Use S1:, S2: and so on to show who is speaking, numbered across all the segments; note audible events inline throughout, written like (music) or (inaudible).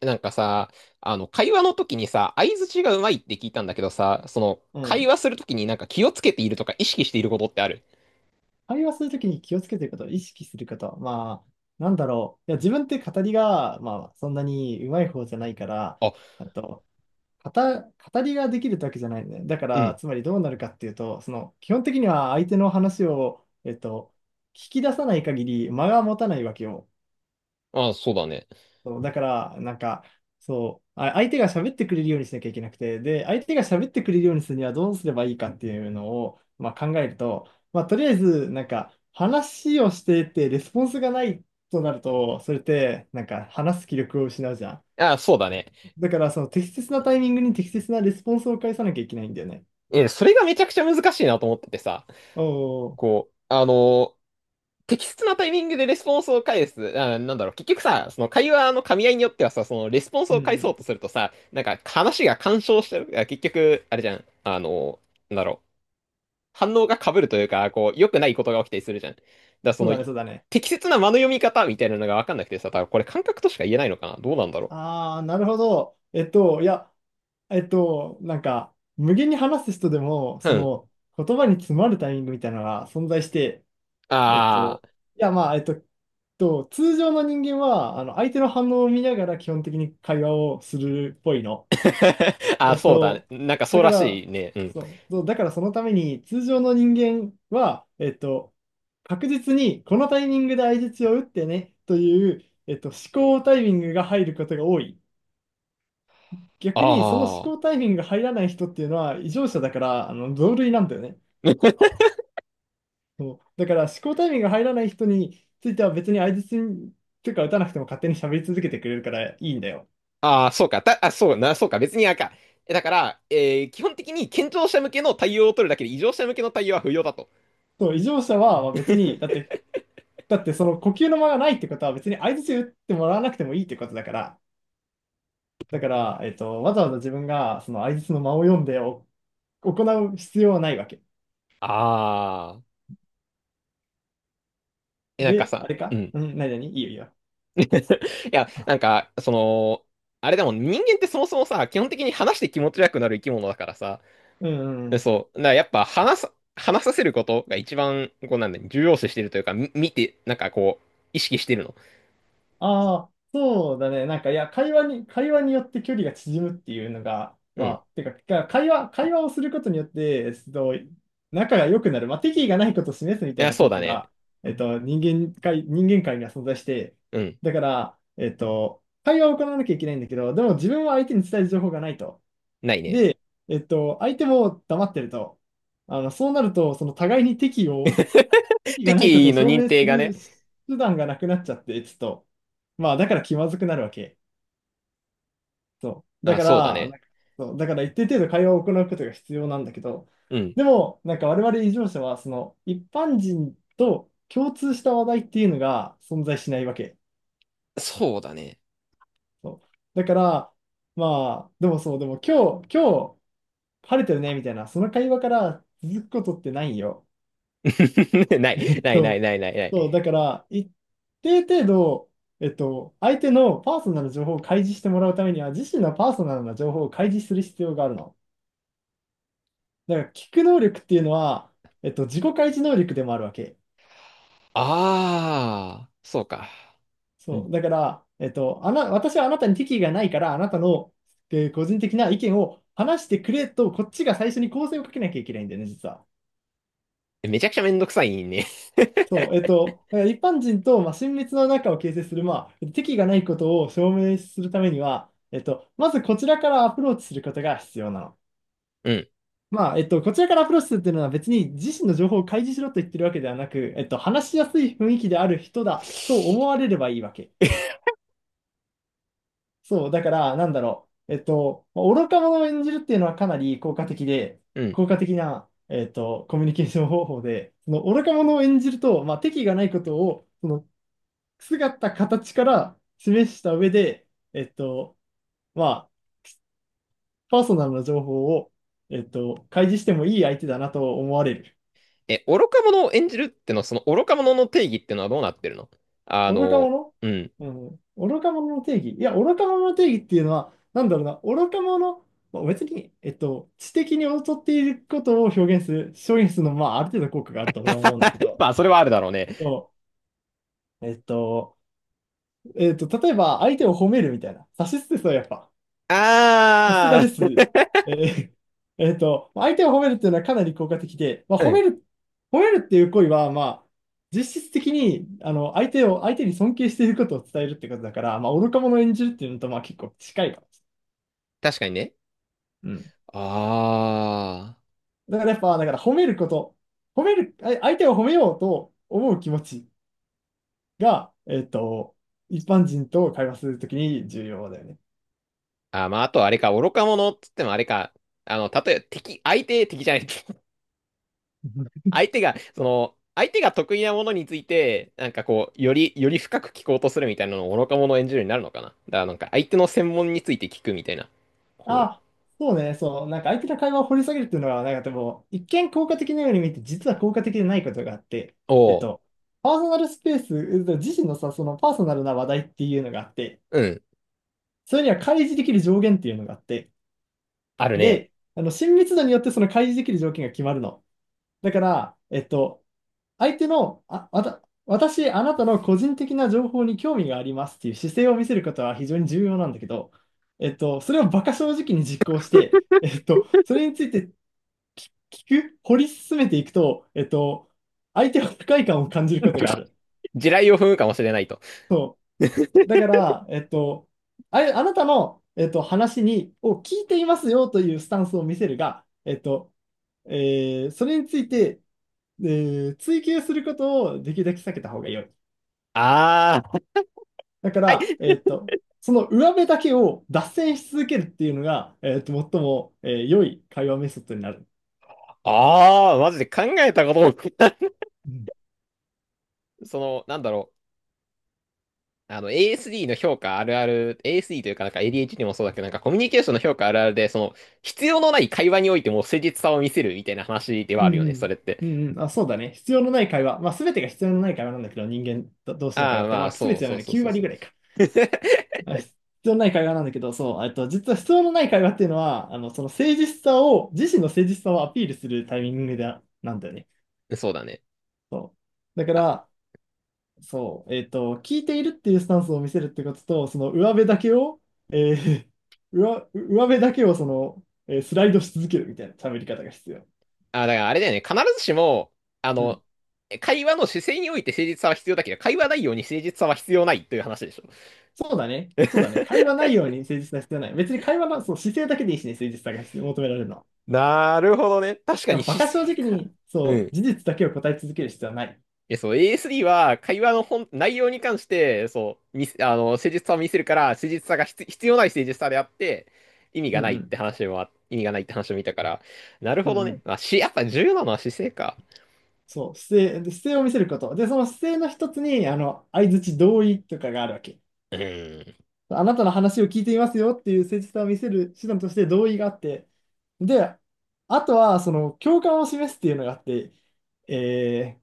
S1: なんかさ、会話の時にさ、相槌がうまいって聞いたんだけどさ、
S2: う
S1: 会
S2: ん。
S1: 話する時になんか気をつけているとか意識していることってある？
S2: 会話するときに気をつけてること、意識すること。まあ、なんだろう。いや、自分って語りが、まあ、そんなに上手い方じゃないから、
S1: あ、
S2: あと、語りができるってわけじゃないんだよね。だか
S1: う
S2: ら、
S1: ん。
S2: つまりどうなるかっていうと、その、基本的には相手の話を、聞き出さない限り間が持たないわけよ。
S1: あ、そうだね。
S2: そう、だから、なんか、そう、相手が喋ってくれるようにしなきゃいけなくて、で、相手が喋ってくれるようにするにはどうすればいいかっていうのを、まあ、考えると、まあ、とりあえず、なんか、話をしてて、レスポンスがないとなると、それって、なんか、話す気力を失うじゃん。
S1: あ、そうだね。
S2: だから、その適切なタイミングに適切なレスポンスを返さなきゃいけないんだよね。
S1: え、それがめちゃくちゃ難しいなと思っててさ、
S2: おお
S1: こう、適切なタイミングでレスポンスを返す。あ、なんだろう、結局さ、その会話の噛み合いによってはさ、そのレスポンス
S2: うんう
S1: を返そ
S2: ん。
S1: うとするとさ、なんか話が干渉してる。あ、結局、あれじゃん。なんだろう。反応が被るというか、こう、良くないことが起きたりするじゃん。だから
S2: そうだね、そうだね。
S1: 適切な間の読み方みたいなのが分かんなくてさ、多分これ感覚としか言えないのかな、どうなんだろ
S2: ああ、なるほど。なんか、無限に話す人でも、
S1: う。う
S2: そ
S1: ん。
S2: の、言葉に詰まるタイミングみたいなのが存在して、えっ
S1: あ
S2: と、
S1: あ。
S2: いや、まあ、えっと、通常の人間は、あの、相手の反応を見ながら基本的に会話をするっぽいの。
S1: (laughs) ああ、
S2: えっ
S1: そうだね。
S2: と、
S1: なんかそ
S2: だ
S1: う
S2: か
S1: ら
S2: ら、
S1: しいね。うん。
S2: そうだからそのために、通常の人間は、確実に、このタイミングで相槌を打ってね、という、思考タイミングが入ることが多い。
S1: あ
S2: 逆にその思考タ
S1: あ。
S2: イミングが入らない人っていうのは異常者だから、あの同類なんだよね。そうだから思考タイミングが入らない人については、別に相槌にというか打たなくても勝手に喋り続けてくれるからいいんだよ。
S1: ああ、そうか。あ、そうな、そうか。別にあかえだから、基本的に健常者向けの対応を取るだけで異常者向けの対応は不要だと。
S2: そう、異常者はまあ別に、だってその呼吸の間がないってことは別に相槌打ってもらわなくてもいいってことだから、わざわざ自分がその相槌の間を読んで行う必要はないわけ。
S1: ああ。え、なんか
S2: で、あ
S1: さ、
S2: れ
S1: う
S2: か、
S1: ん。い
S2: うん、何々、いいよいいよ。
S1: や、
S2: あ、
S1: なんか、あれでも人間ってそもそもさ、基本的に話して気持ち悪くなる生き物だからさ、
S2: うんうんう
S1: で
S2: ん。
S1: そう。だからやっぱ話さ、話させることが一番、こうなんだ、重要視してるというか、見て、なんかこう、意識してるの。
S2: ああ、そうだね。なんか、いや、会話によって距離が縮むっていうのが、
S1: うん。い
S2: まあ、てか、会話をすることによって、仲が良くなる、まあ、敵意がないことを示すみたい
S1: や、
S2: な
S1: そう
S2: 効
S1: だ
S2: 果
S1: ね。
S2: が、えっと、人人間界には存在して、
S1: うん。
S2: だから、会話を行わなきゃいけないんだけど、でも自分は相手に伝える情報がないと。
S1: ないね。
S2: で、相手も黙ってると。あの、そうなると、その互いに敵意を
S1: (laughs)
S2: 意がないこ
S1: 敵
S2: と
S1: 意
S2: を
S1: の
S2: 証
S1: 認
S2: 明す
S1: 定が
S2: る
S1: ね。
S2: 手段がなくなっちゃって、ちょっと、まあ、だから気まずくなるわけ。そう。だ
S1: あ、
S2: か
S1: そうだ
S2: ら、
S1: ね。
S2: なんか、そう、だから一定程度会話を行うことが必要なんだけど、
S1: うん。
S2: でも、なんか我々異常者は、その、一般人と共通した話題っていうのが存在しないわけ。
S1: そうだね。
S2: そう。だから、まあ、でもそう、でも今日、晴れてるね、みたいな、その会話から続くことってないよ。
S1: (laughs) ない、ない、ない、
S2: そう、
S1: ない、ない、な
S2: そう、だ
S1: い。
S2: から、一定程度、相手のパーソナルな情報を開示してもらうためには、自身のパーソナルな情報を開示する必要があるの。だから、聞く能力っていうのは、自己開示能力でもあるわけ。
S1: あー、そうか。う
S2: そ
S1: ん。
S2: う、だから、えっと、あな、私はあなたに敵意がないから、あなたの、個人的な意見を話してくれと、こっちが最初に構成をかけなきゃいけないんだよね、実は。
S1: めちゃくちゃめんどくさいね。
S2: そう、一般人と、まあ、親密な仲を形成する、まあ、敵がないことを証明するためには、まずこちらからアプローチすることが必要なの。
S1: うん。
S2: まあ、こちらからアプローチするっていうのは別に自身の情報を開示しろと言ってるわけではなく、話しやすい雰囲気である人だと思われればいいわけ。そう、だから、なんだろう。まあ愚か者を演じるっていうのはかなり効果的で、
S1: うん。
S2: 効果的な、コミュニケーション方法で、その愚か者を演じると、まあ、敵意がないことを、その姿、形から示した上で、えっと、まあ、パーソナルな情報を、開示してもいい相手だなと思われる。
S1: え、愚か者を演じるってのは、その愚か者の定義ってのはどうなってるの？あ
S2: 愚か
S1: の、
S2: 者、
S1: うん。
S2: うん。愚か者の定義。いや、愚か者の定義っていうのは、なんだろうな、愚か者、まあ、別に、知的に劣っていることを表現する、のはまあ、ある程度効果があると俺は思うんだけ
S1: (laughs)
S2: ど、
S1: まあ、それはあるだろうね。
S2: そう、例えば、相手を褒めるみたいな。指し捨てそう、やっぱ。さすがで
S1: あ
S2: す。えー (laughs) まあ相手を褒めるっていうのはかなり効果的で、まあ、
S1: あ、う
S2: 褒め
S1: ん。
S2: る、っていう行為は、まあ、実質的にあの相手を、相手に尊敬していることを伝えるってことだから、まあ、愚か者を演じるっていうのと、まあ、結構近いかもし
S1: 確かにね。
S2: れない。うん。
S1: あ
S2: だからやっぱ、だから褒めること、褒める、相手を褒めようと思う気持ちが、一般人と会話するときに重要だよね。
S1: あ。あー、まあ、あとあれか、愚か者っつってもあれか、例えば敵、相手、敵じゃない。(laughs) 相手が、相手が得意なものについて、なんかこう、より、より深く聞こうとするみたいなのを愚か者を演じるようになるのかな。だからなんか、相手の専門について聞くみたいな。こう。
S2: あ、そうね、そう、なんか相手の会話を掘り下げるっていうのは、なんかでも、一見効果的なように見て、実は効果的でないことがあって、えっ
S1: おう。
S2: と、パーソナルスペース、自身のさ、そのパーソナルな話題っていうのがあって、
S1: うん。
S2: それには開示できる上限っていうのがあって、
S1: あるね。
S2: で、あの、親密度によってその開示できる条件が決まるの。だから、相手の、私、あなたの個人的な情報に興味がありますっていう姿勢を見せることは非常に重要なんだけど、それを馬鹿正直に実行して、それについて聞く、掘り進めていくと、相手は不快感を感じる
S1: (laughs)
S2: ことがある。
S1: 地雷を踏むかもしれないと。
S2: そう。だから、あなたの、を聞いていますよというスタンスを見せるが、それについて、追求することをできるだけ避けた方が良い。
S1: あ
S2: だか
S1: あ。はい。
S2: ら、その上辺だけを脱線し続けるっていうのが、最も、良い会話メソッドになる。
S1: ああ、マジで考えたことも。
S2: うん。
S1: なんだろう、ASD の評価あるある、ASD というかなんか ADHD もそうだけど、なんかコミュニケーションの評価あるあるで、必要のない会話においても誠実さを見せるみたいな話では
S2: う
S1: あ
S2: ん
S1: るよ
S2: う
S1: ね、そ
S2: ん。
S1: れって。
S2: うんうん。あ、そうだね。必要のない会話。まあ、すべてが必要のない会話なんだけど、人間ど同士の会
S1: あ
S2: 話
S1: あ、
S2: って、
S1: ま
S2: ま
S1: あ、
S2: あ、すべ
S1: そ
S2: て
S1: う
S2: じゃな
S1: そ
S2: い
S1: う
S2: の、
S1: そう
S2: 9
S1: そう
S2: 割
S1: そう。
S2: ぐらいか。必要のない会話なんだけど、そう、実は必要のない会話っていうのは、あの、その誠実さを、自身の誠実さをアピールするタイミングで、なんだよね。
S1: (laughs) そうだね。
S2: そう。だか
S1: あ、
S2: ら、そう、聞いているっていうスタンスを見せるってことと、その上辺だけを、えー、(laughs) 上辺だけをその、スライドし続けるみたいな喋り方が必要。
S1: あ、だからあれだよね、必ずしも、あ
S2: う
S1: の、
S2: ん。
S1: 会話の姿勢において誠実さは必要だけど、会話内容に誠実さは必要ないという話でしょ？
S2: そうだね。そうだね。会
S1: (laughs)
S2: 話内容に誠実さは必要ない。別に会話の、そう、姿勢だけでいいしね、誠実さが必要、求められるのは。
S1: なるほどね。確
S2: い
S1: か
S2: や、
S1: に
S2: 馬鹿
S1: 姿
S2: 正
S1: 勢
S2: 直
S1: か。
S2: に、
S1: う
S2: そう、
S1: ん。
S2: 事実だけを答え続ける必要はない。
S1: え、そう、ASD は会話の本、内容に関して、そう、見せ、あの、誠実さを見せるから、誠実さが必要ない誠実さであって、
S2: うんうん。
S1: 意味がないって話を見たから、なる
S2: う
S1: ほど
S2: んう
S1: ね。
S2: ん。
S1: まあ、やっぱ重要なのは姿勢か。
S2: そう、姿勢、で姿勢を見せること。で、その姿勢の一つに、相槌同意とかがあるわけ。
S1: うーん、
S2: あなたの話を聞いていますよっていう誠実さを見せる手段として同意があって、で、あとはその共感を示すっていうのがあって、えーっ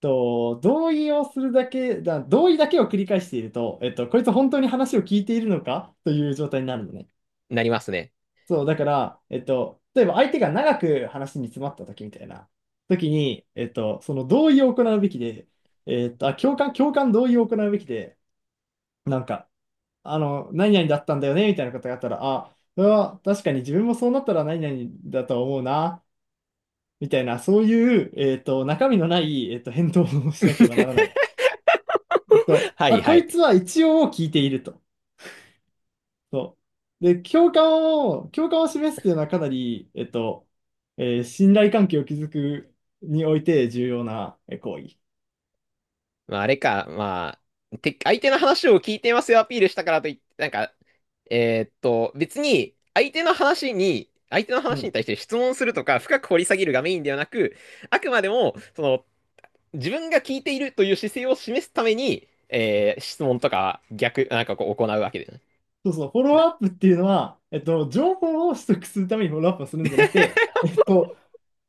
S2: 同意をするだけだ、同意だけを繰り返していると、こいつ本当に話を聞いているのかという状態になるのね。
S1: なりますね。
S2: そう、だから、例えば相手が長く話に詰まった時みたいな時に、その同意を行うべきで、共感同意を行うべきで、なんか、あの、何々だったんだよね、みたいなことがあったら、あ、それは確かに自分もそうなったら何々だと思うな、みたいな、そういう、中身のない、返答をしなければならな
S1: (laughs)
S2: い。
S1: は
S2: あ、
S1: いは
S2: こいつ
S1: い。
S2: は一応聞いていると。そう。で、共感を示すっていうのはかなり、信頼関係を築くにおいて重要な行為。
S1: まあ、あれか、まあ、相手の話を聞いてますよアピールしたからといって、なんか、別に、相手の
S2: う
S1: 話に
S2: ん、
S1: 対して質問するとか、深く掘り下げるがメインではなく、あくまでも、自分が聞いているという姿勢を示すために、質問とか逆、なんかこう行うわけでね。
S2: そうそう、フォロー
S1: だ
S2: アップっていうのは、情報を取得するためにフォローアップをするんじゃなくて、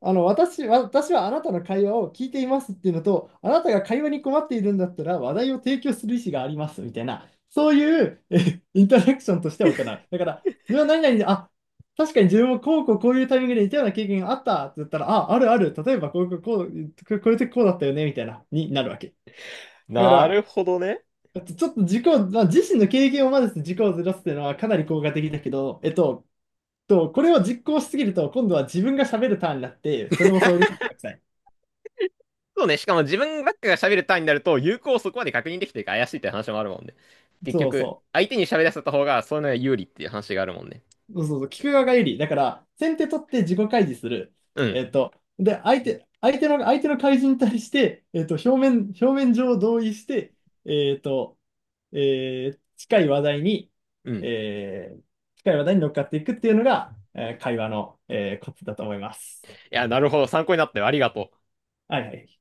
S2: あの、私はあなたの会話を聞いていますっていうのと、あなたが会話に困っているんだったら話題を提供する意思がありますみたいな、そういうインタラクションとして行う。だから、自分は何々で、あ、確かに自分もこうこうこういうタイミングで似たような経験があったって言ったら、あ、あるある、例えばこうこうこう、こういう時こうだったよねみたいな、になるわけ。だか
S1: な
S2: ら、
S1: るほどね。
S2: ちょっとまあ、自身の経験を混ぜて軸をずらすっていうのはかなり効果的だけど、これを実行しすぎると、今度は自分が喋るターンになって、それもそれでめんどくさい。
S1: そうね、しかも自分ばっかが喋る単位になると、有効をそこまで確認できてるか怪しいって話もあるもんね。結
S2: そう
S1: 局、
S2: そ
S1: 相手に喋らせた方が、そういうのが有利っていう話があるもんね。
S2: う。そうそうそう。聞く側が有利。だから、先手取って自己開示する。
S1: うん、
S2: で、相手の開示に対して、表面上同意して、えっと、えー近い話題に、
S1: うん。い
S2: えー近い話題に乗っかっていくっていうのが、会話の、コツだと思います。
S1: や、なるほど、参考になったよ。ありがとう。
S2: はいはい。